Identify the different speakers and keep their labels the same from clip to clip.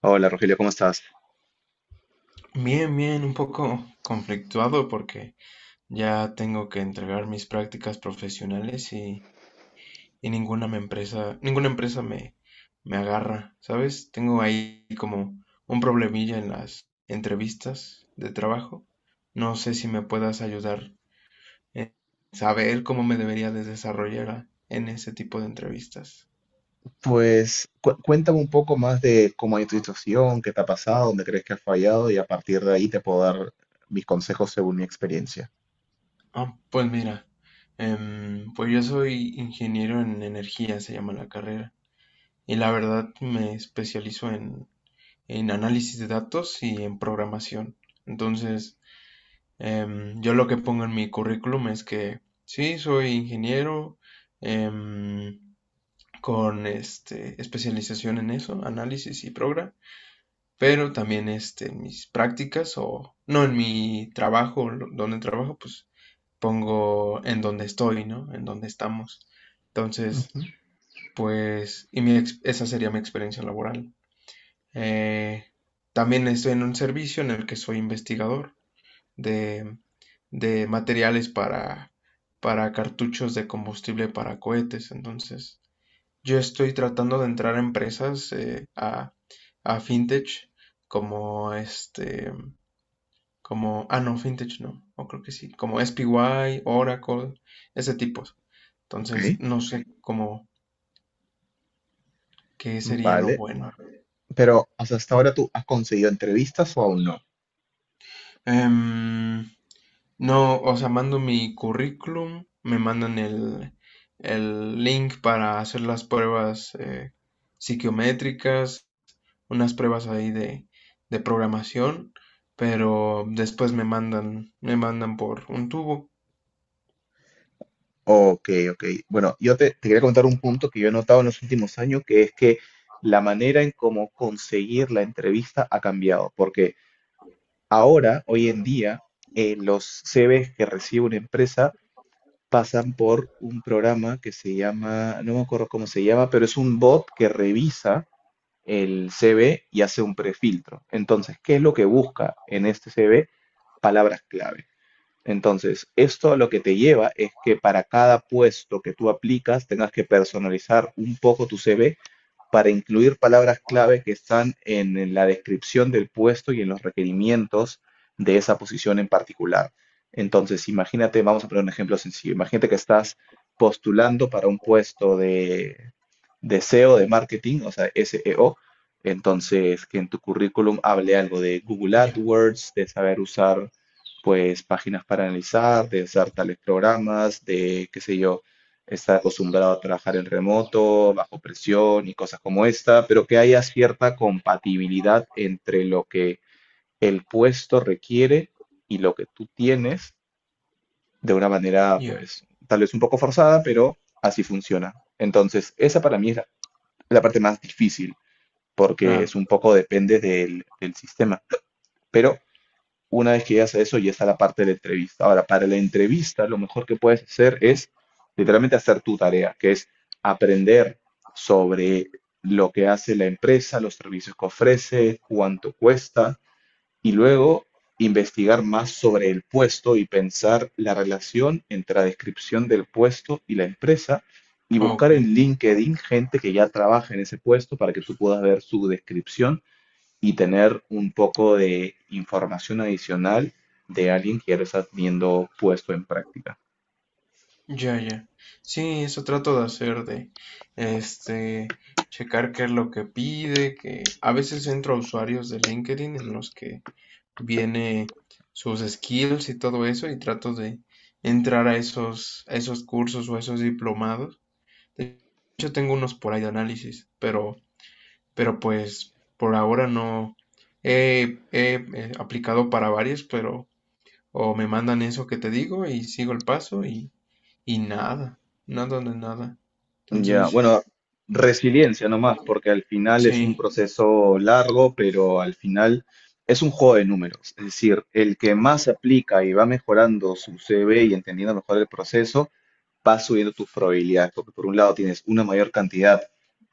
Speaker 1: Hola Rogelio, ¿cómo estás?
Speaker 2: Bien, bien, un poco conflictuado porque ya tengo que entregar mis prácticas profesionales y ninguna empresa me agarra, ¿sabes? Tengo ahí como un problemilla en las entrevistas de trabajo. No sé si me puedas ayudar a saber cómo me debería de desarrollar en ese tipo de entrevistas.
Speaker 1: Pues cuéntame un poco más de cómo hay tu situación, qué te ha pasado, dónde crees que has fallado y a partir de ahí te puedo dar mis consejos según mi experiencia.
Speaker 2: Ah, pues mira, pues yo soy ingeniero en energía, se llama la carrera. Y la verdad me especializo en análisis de datos y en programación. Entonces, yo lo que pongo en mi currículum es que sí, soy ingeniero em, con este, especialización en eso, análisis y programa, pero también este, en mis prácticas o no en mi trabajo, donde trabajo, pues pongo en donde estoy, ¿no? En donde estamos. Entonces,
Speaker 1: Ujú.
Speaker 2: pues, y mi esa sería mi experiencia laboral. Eh, También estoy en un servicio en el que soy investigador de, de materiales para cartuchos de combustible para cohetes. Entonces, yo estoy tratando de entrar a empresas a fintech como este, como, ah, no, fintech no, o creo que sí, como SPY, Oracle, ese tipo.
Speaker 1: Ok,
Speaker 2: Entonces, no sé cómo, qué sería lo
Speaker 1: vale.
Speaker 2: bueno.
Speaker 1: Pero ¿hasta ahora tú has conseguido entrevistas o aún no?
Speaker 2: Em, No, o sea, mando mi currículum, me mandan el link para hacer las pruebas psiquiométricas, unas pruebas ahí de programación, pero después me mandan por un tubo.
Speaker 1: Ok, ok. Bueno, te quería contar un punto que yo he notado en los últimos años, que es que la manera en cómo conseguir la entrevista ha cambiado, porque ahora, hoy en día, los CVs que recibe una empresa pasan por un programa que se llama, no me acuerdo cómo se llama, pero es un bot que revisa el CV y hace un prefiltro. Entonces, ¿qué es lo que busca en este CV? Palabras clave. Entonces, esto lo que te lleva es que para cada puesto que tú aplicas tengas que personalizar un poco tu CV para incluir palabras clave que están en la descripción del puesto y en los requerimientos de esa posición en particular. Entonces, imagínate, vamos a poner un ejemplo sencillo. Imagínate que estás postulando para un puesto de SEO, de marketing, o sea, SEO. Entonces, que en tu currículum hable algo de Google
Speaker 2: Ya,
Speaker 1: AdWords, de saber usar pues páginas para analizar, de usar tales programas, de, qué sé yo, estar acostumbrado a trabajar en remoto, bajo presión y cosas como esta, pero que haya cierta compatibilidad entre lo que el puesto requiere y lo que tú tienes de una manera,
Speaker 2: ya,
Speaker 1: pues, tal vez un poco forzada, pero así funciona. Entonces, esa para mí es la parte más difícil, porque es
Speaker 2: claro.
Speaker 1: un poco depende del sistema. Pero una vez que llegas a eso, ya está la parte de la entrevista. Ahora, para la entrevista, lo mejor que puedes hacer es literalmente hacer tu tarea, que es aprender sobre lo que hace la empresa, los servicios que ofrece, cuánto cuesta, y luego investigar más sobre el puesto y pensar la relación entre la descripción del puesto y la empresa y buscar
Speaker 2: Ok,
Speaker 1: en LinkedIn gente que ya trabaja en ese puesto para que tú puedas ver su descripción y tener un poco de información adicional de alguien que ya lo estás viendo puesto en práctica.
Speaker 2: ya, ya. Sí, eso trato de hacer de, este, checar qué es lo que pide, que a veces entro a usuarios de LinkedIn en los que viene sus skills y todo eso y trato de entrar a esos cursos o a esos diplomados. De hecho, tengo unos por ahí de análisis, pero pues por ahora no aplicado para varios, pero o me mandan eso que te digo y sigo el paso y nada, nada de nada.
Speaker 1: Ya,
Speaker 2: Entonces,
Speaker 1: bueno, resiliencia nomás, porque al final es un
Speaker 2: sí,
Speaker 1: proceso largo, pero al final es un juego de números. Es decir, el que más aplica y va mejorando su CV y entendiendo mejor el proceso, vas subiendo tus probabilidades, porque por un lado tienes una mayor cantidad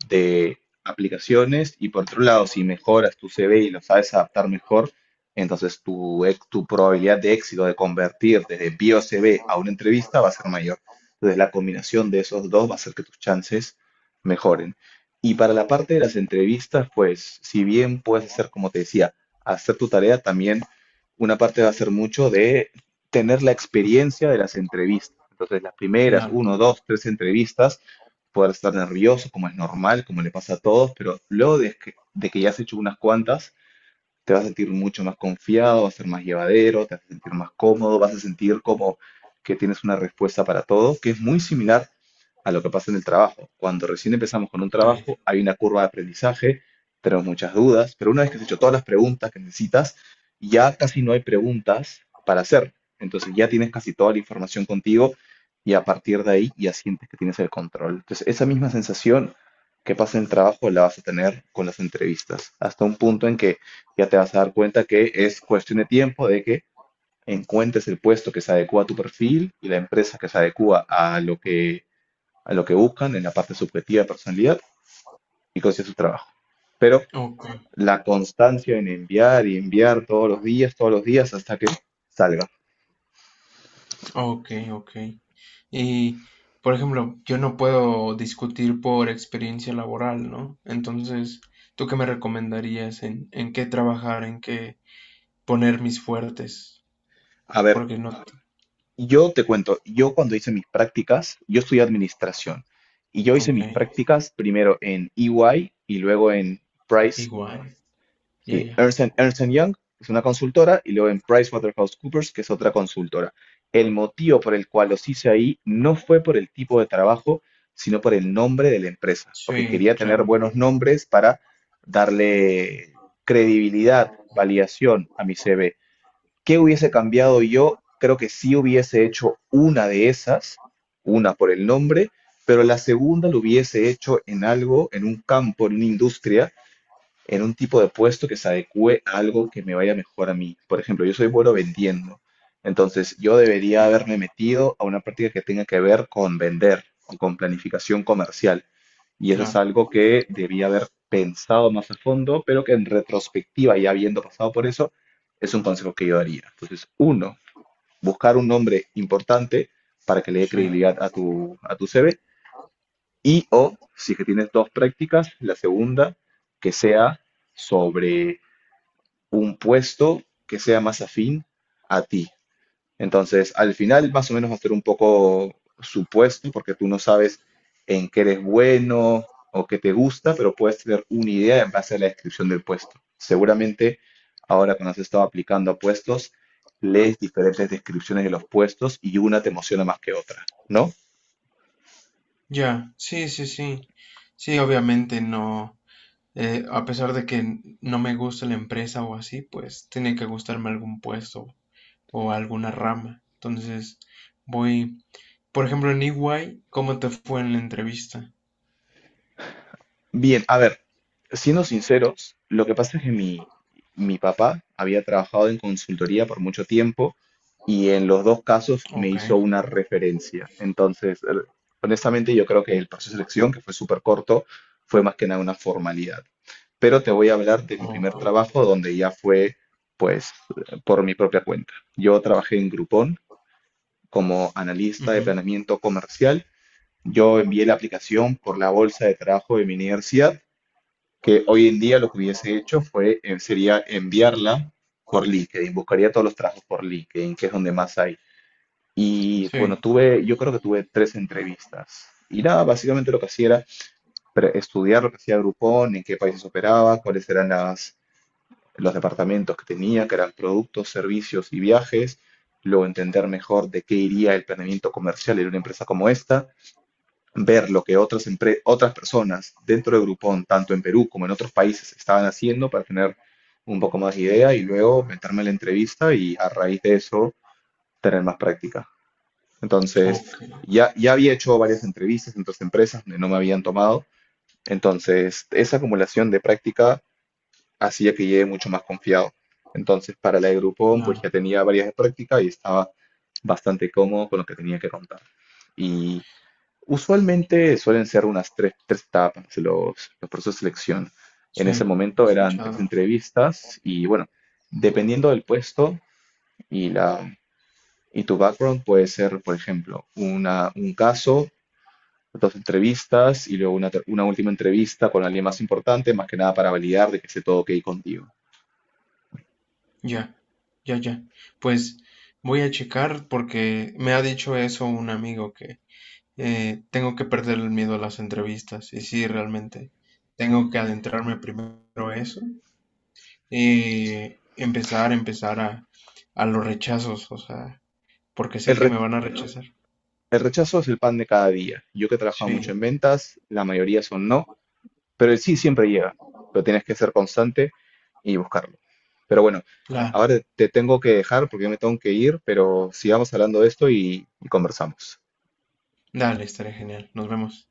Speaker 1: de aplicaciones y por otro lado, si mejoras tu CV y lo sabes adaptar mejor, entonces tu probabilidad de éxito de convertir desde bio CV a una entrevista va a ser mayor. Entonces la combinación de esos dos va a hacer que tus chances mejoren. Y para la parte de las entrevistas, pues si bien puedes hacer, como te decía, hacer tu tarea, también una parte va a ser mucho de tener la experiencia de las entrevistas. Entonces, las primeras,
Speaker 2: claro,
Speaker 1: uno, dos, tres entrevistas, poder estar nervioso, como es normal, como le pasa a todos, pero luego de que ya has hecho unas cuantas, te vas a sentir mucho más confiado, va a ser más llevadero, te vas a sentir más cómodo, vas a sentir como que tienes una respuesta para todo, que es muy similar a lo que pasa en el trabajo. Cuando recién empezamos con un
Speaker 2: sí.
Speaker 1: trabajo, hay una curva de aprendizaje, tenemos muchas dudas, pero una vez que has hecho todas las preguntas que necesitas, ya casi no hay preguntas para hacer. Entonces ya tienes casi toda la información contigo y a partir de ahí ya sientes que tienes el control. Entonces esa misma sensación que pasa en el trabajo la vas a tener con las entrevistas, hasta un punto en que ya te vas a dar cuenta que es cuestión de tiempo de que encuentres el puesto que se adecua a tu perfil y la empresa que se adecua a lo que buscan en la parte subjetiva de personalidad y consigas su trabajo. Pero
Speaker 2: Ok.
Speaker 1: la constancia en enviar y enviar todos los días hasta que salga.
Speaker 2: Ok, ok. Y, por ejemplo, yo no puedo discutir por experiencia laboral, ¿no? Entonces, ¿tú qué me recomendarías en qué trabajar, en qué poner mis fuertes?
Speaker 1: A ver,
Speaker 2: Porque no...
Speaker 1: yo te cuento, yo cuando hice mis prácticas, yo estudié administración y yo hice
Speaker 2: Ok,
Speaker 1: mis prácticas primero en EY y luego en Price.
Speaker 2: igual. Ya,
Speaker 1: Sí,
Speaker 2: ya.
Speaker 1: Ernst and Young es una consultora y luego en PricewaterhouseCoopers, que es otra consultora. El motivo por el cual los hice ahí no fue por el tipo de trabajo, sino por el nombre de la empresa, porque
Speaker 2: Sí,
Speaker 1: quería tener
Speaker 2: claro.
Speaker 1: buenos nombres para darle credibilidad, validación a mi CV. ¿Qué hubiese cambiado yo? Creo que sí hubiese hecho una de esas, una por el nombre, pero la segunda lo hubiese hecho en algo, en un campo, en una industria en un tipo de puesto que se adecue a algo que me vaya mejor a mí. Por ejemplo, yo soy bueno vendiendo, entonces yo
Speaker 2: Sí,
Speaker 1: debería haberme metido a una práctica que tenga que ver con vender o con planificación comercial. Y eso es
Speaker 2: claro.
Speaker 1: algo que debía haber pensado más a fondo, pero que en retrospectiva, ya habiendo pasado por eso, es un consejo que yo daría. Entonces, uno, buscar un nombre importante para que le dé
Speaker 2: Sí.
Speaker 1: credibilidad a a tu CV. Y o, si es que tienes dos prácticas, la segunda, que sea sobre un puesto que sea más afín a ti. Entonces, al final, más o menos va a ser un poco supuesto, porque tú no sabes en qué eres bueno o qué te gusta, pero puedes tener una idea en base a la descripción del puesto. Seguramente, ahora cuando has estado aplicando a puestos, lees diferentes descripciones de los puestos y una te emociona más que otra, ¿no?
Speaker 2: Ya, sí, sí, sí. Sí, obviamente no. A pesar de que no me gusta la empresa o así, pues tiene que gustarme algún puesto o alguna rama. Entonces, voy, por ejemplo, en EY, ¿cómo te fue en la entrevista?
Speaker 1: Bien, a ver, siendo sinceros, lo que pasa es que mi papá había trabajado en consultoría por mucho tiempo y en los dos casos me
Speaker 2: Ok,
Speaker 1: hizo una referencia. Entonces, honestamente, yo creo que el proceso de selección, que fue súper corto, fue más que nada una formalidad. Pero te voy a hablar de mi primer
Speaker 2: ok,
Speaker 1: trabajo, donde ya fue, pues, por mi propia cuenta. Yo trabajé en Groupon como analista de
Speaker 2: ujú,
Speaker 1: planeamiento comercial. Yo envié la aplicación por la bolsa de trabajo de mi universidad que hoy en día lo que hubiese hecho fue, sería enviarla por LinkedIn, buscaría todos los trabajos por LinkedIn, que es donde más hay. Y bueno,
Speaker 2: sí,
Speaker 1: yo creo que tuve tres entrevistas. Y nada, básicamente lo que hacía era estudiar lo que hacía Groupon, en qué países operaba, cuáles eran los departamentos que tenía, que eran productos, servicios y viajes. Luego entender mejor de qué iría el planeamiento comercial en una empresa como esta ver lo que otras personas dentro de Groupon, tanto en Perú como en otros países, estaban haciendo para tener un poco más de idea y luego meterme en la entrevista y a raíz de eso tener más práctica. Entonces,
Speaker 2: ok,
Speaker 1: ya había hecho varias entrevistas en otras empresas donde no me habían tomado, entonces esa acumulación de práctica hacía que llegue mucho más confiado. Entonces, para la de Groupon, pues
Speaker 2: claro,
Speaker 1: ya tenía varias de práctica y estaba bastante cómodo con lo que tenía que contar. Y usualmente suelen ser unas tres etapas los procesos de selección. En ese
Speaker 2: sí, he
Speaker 1: momento eran tres
Speaker 2: escuchado,
Speaker 1: entrevistas y bueno, dependiendo del puesto y, la, y tu background puede ser, por ejemplo, una, un caso, dos entrevistas y luego una última entrevista con alguien más importante, más que nada para validar de que esté todo ok contigo.
Speaker 2: ya, ya, ya. Pues voy a checar porque me ha dicho eso un amigo que tengo que perder el miedo a las entrevistas y sí, realmente tengo que adentrarme primero a eso y empezar a los rechazos, o sea, porque
Speaker 1: El,
Speaker 2: sé que
Speaker 1: re-
Speaker 2: me van a rechazar.
Speaker 1: el rechazo es el pan de cada día. Yo que he trabajado
Speaker 2: Sí,
Speaker 1: mucho en ventas, la mayoría son no. Pero el sí siempre llega, pero tienes que ser constante y buscarlo. Pero bueno,
Speaker 2: claro.
Speaker 1: ahora te tengo que dejar porque yo me tengo que ir, pero sigamos hablando de esto y conversamos.
Speaker 2: Dale, estaré genial. Nos vemos.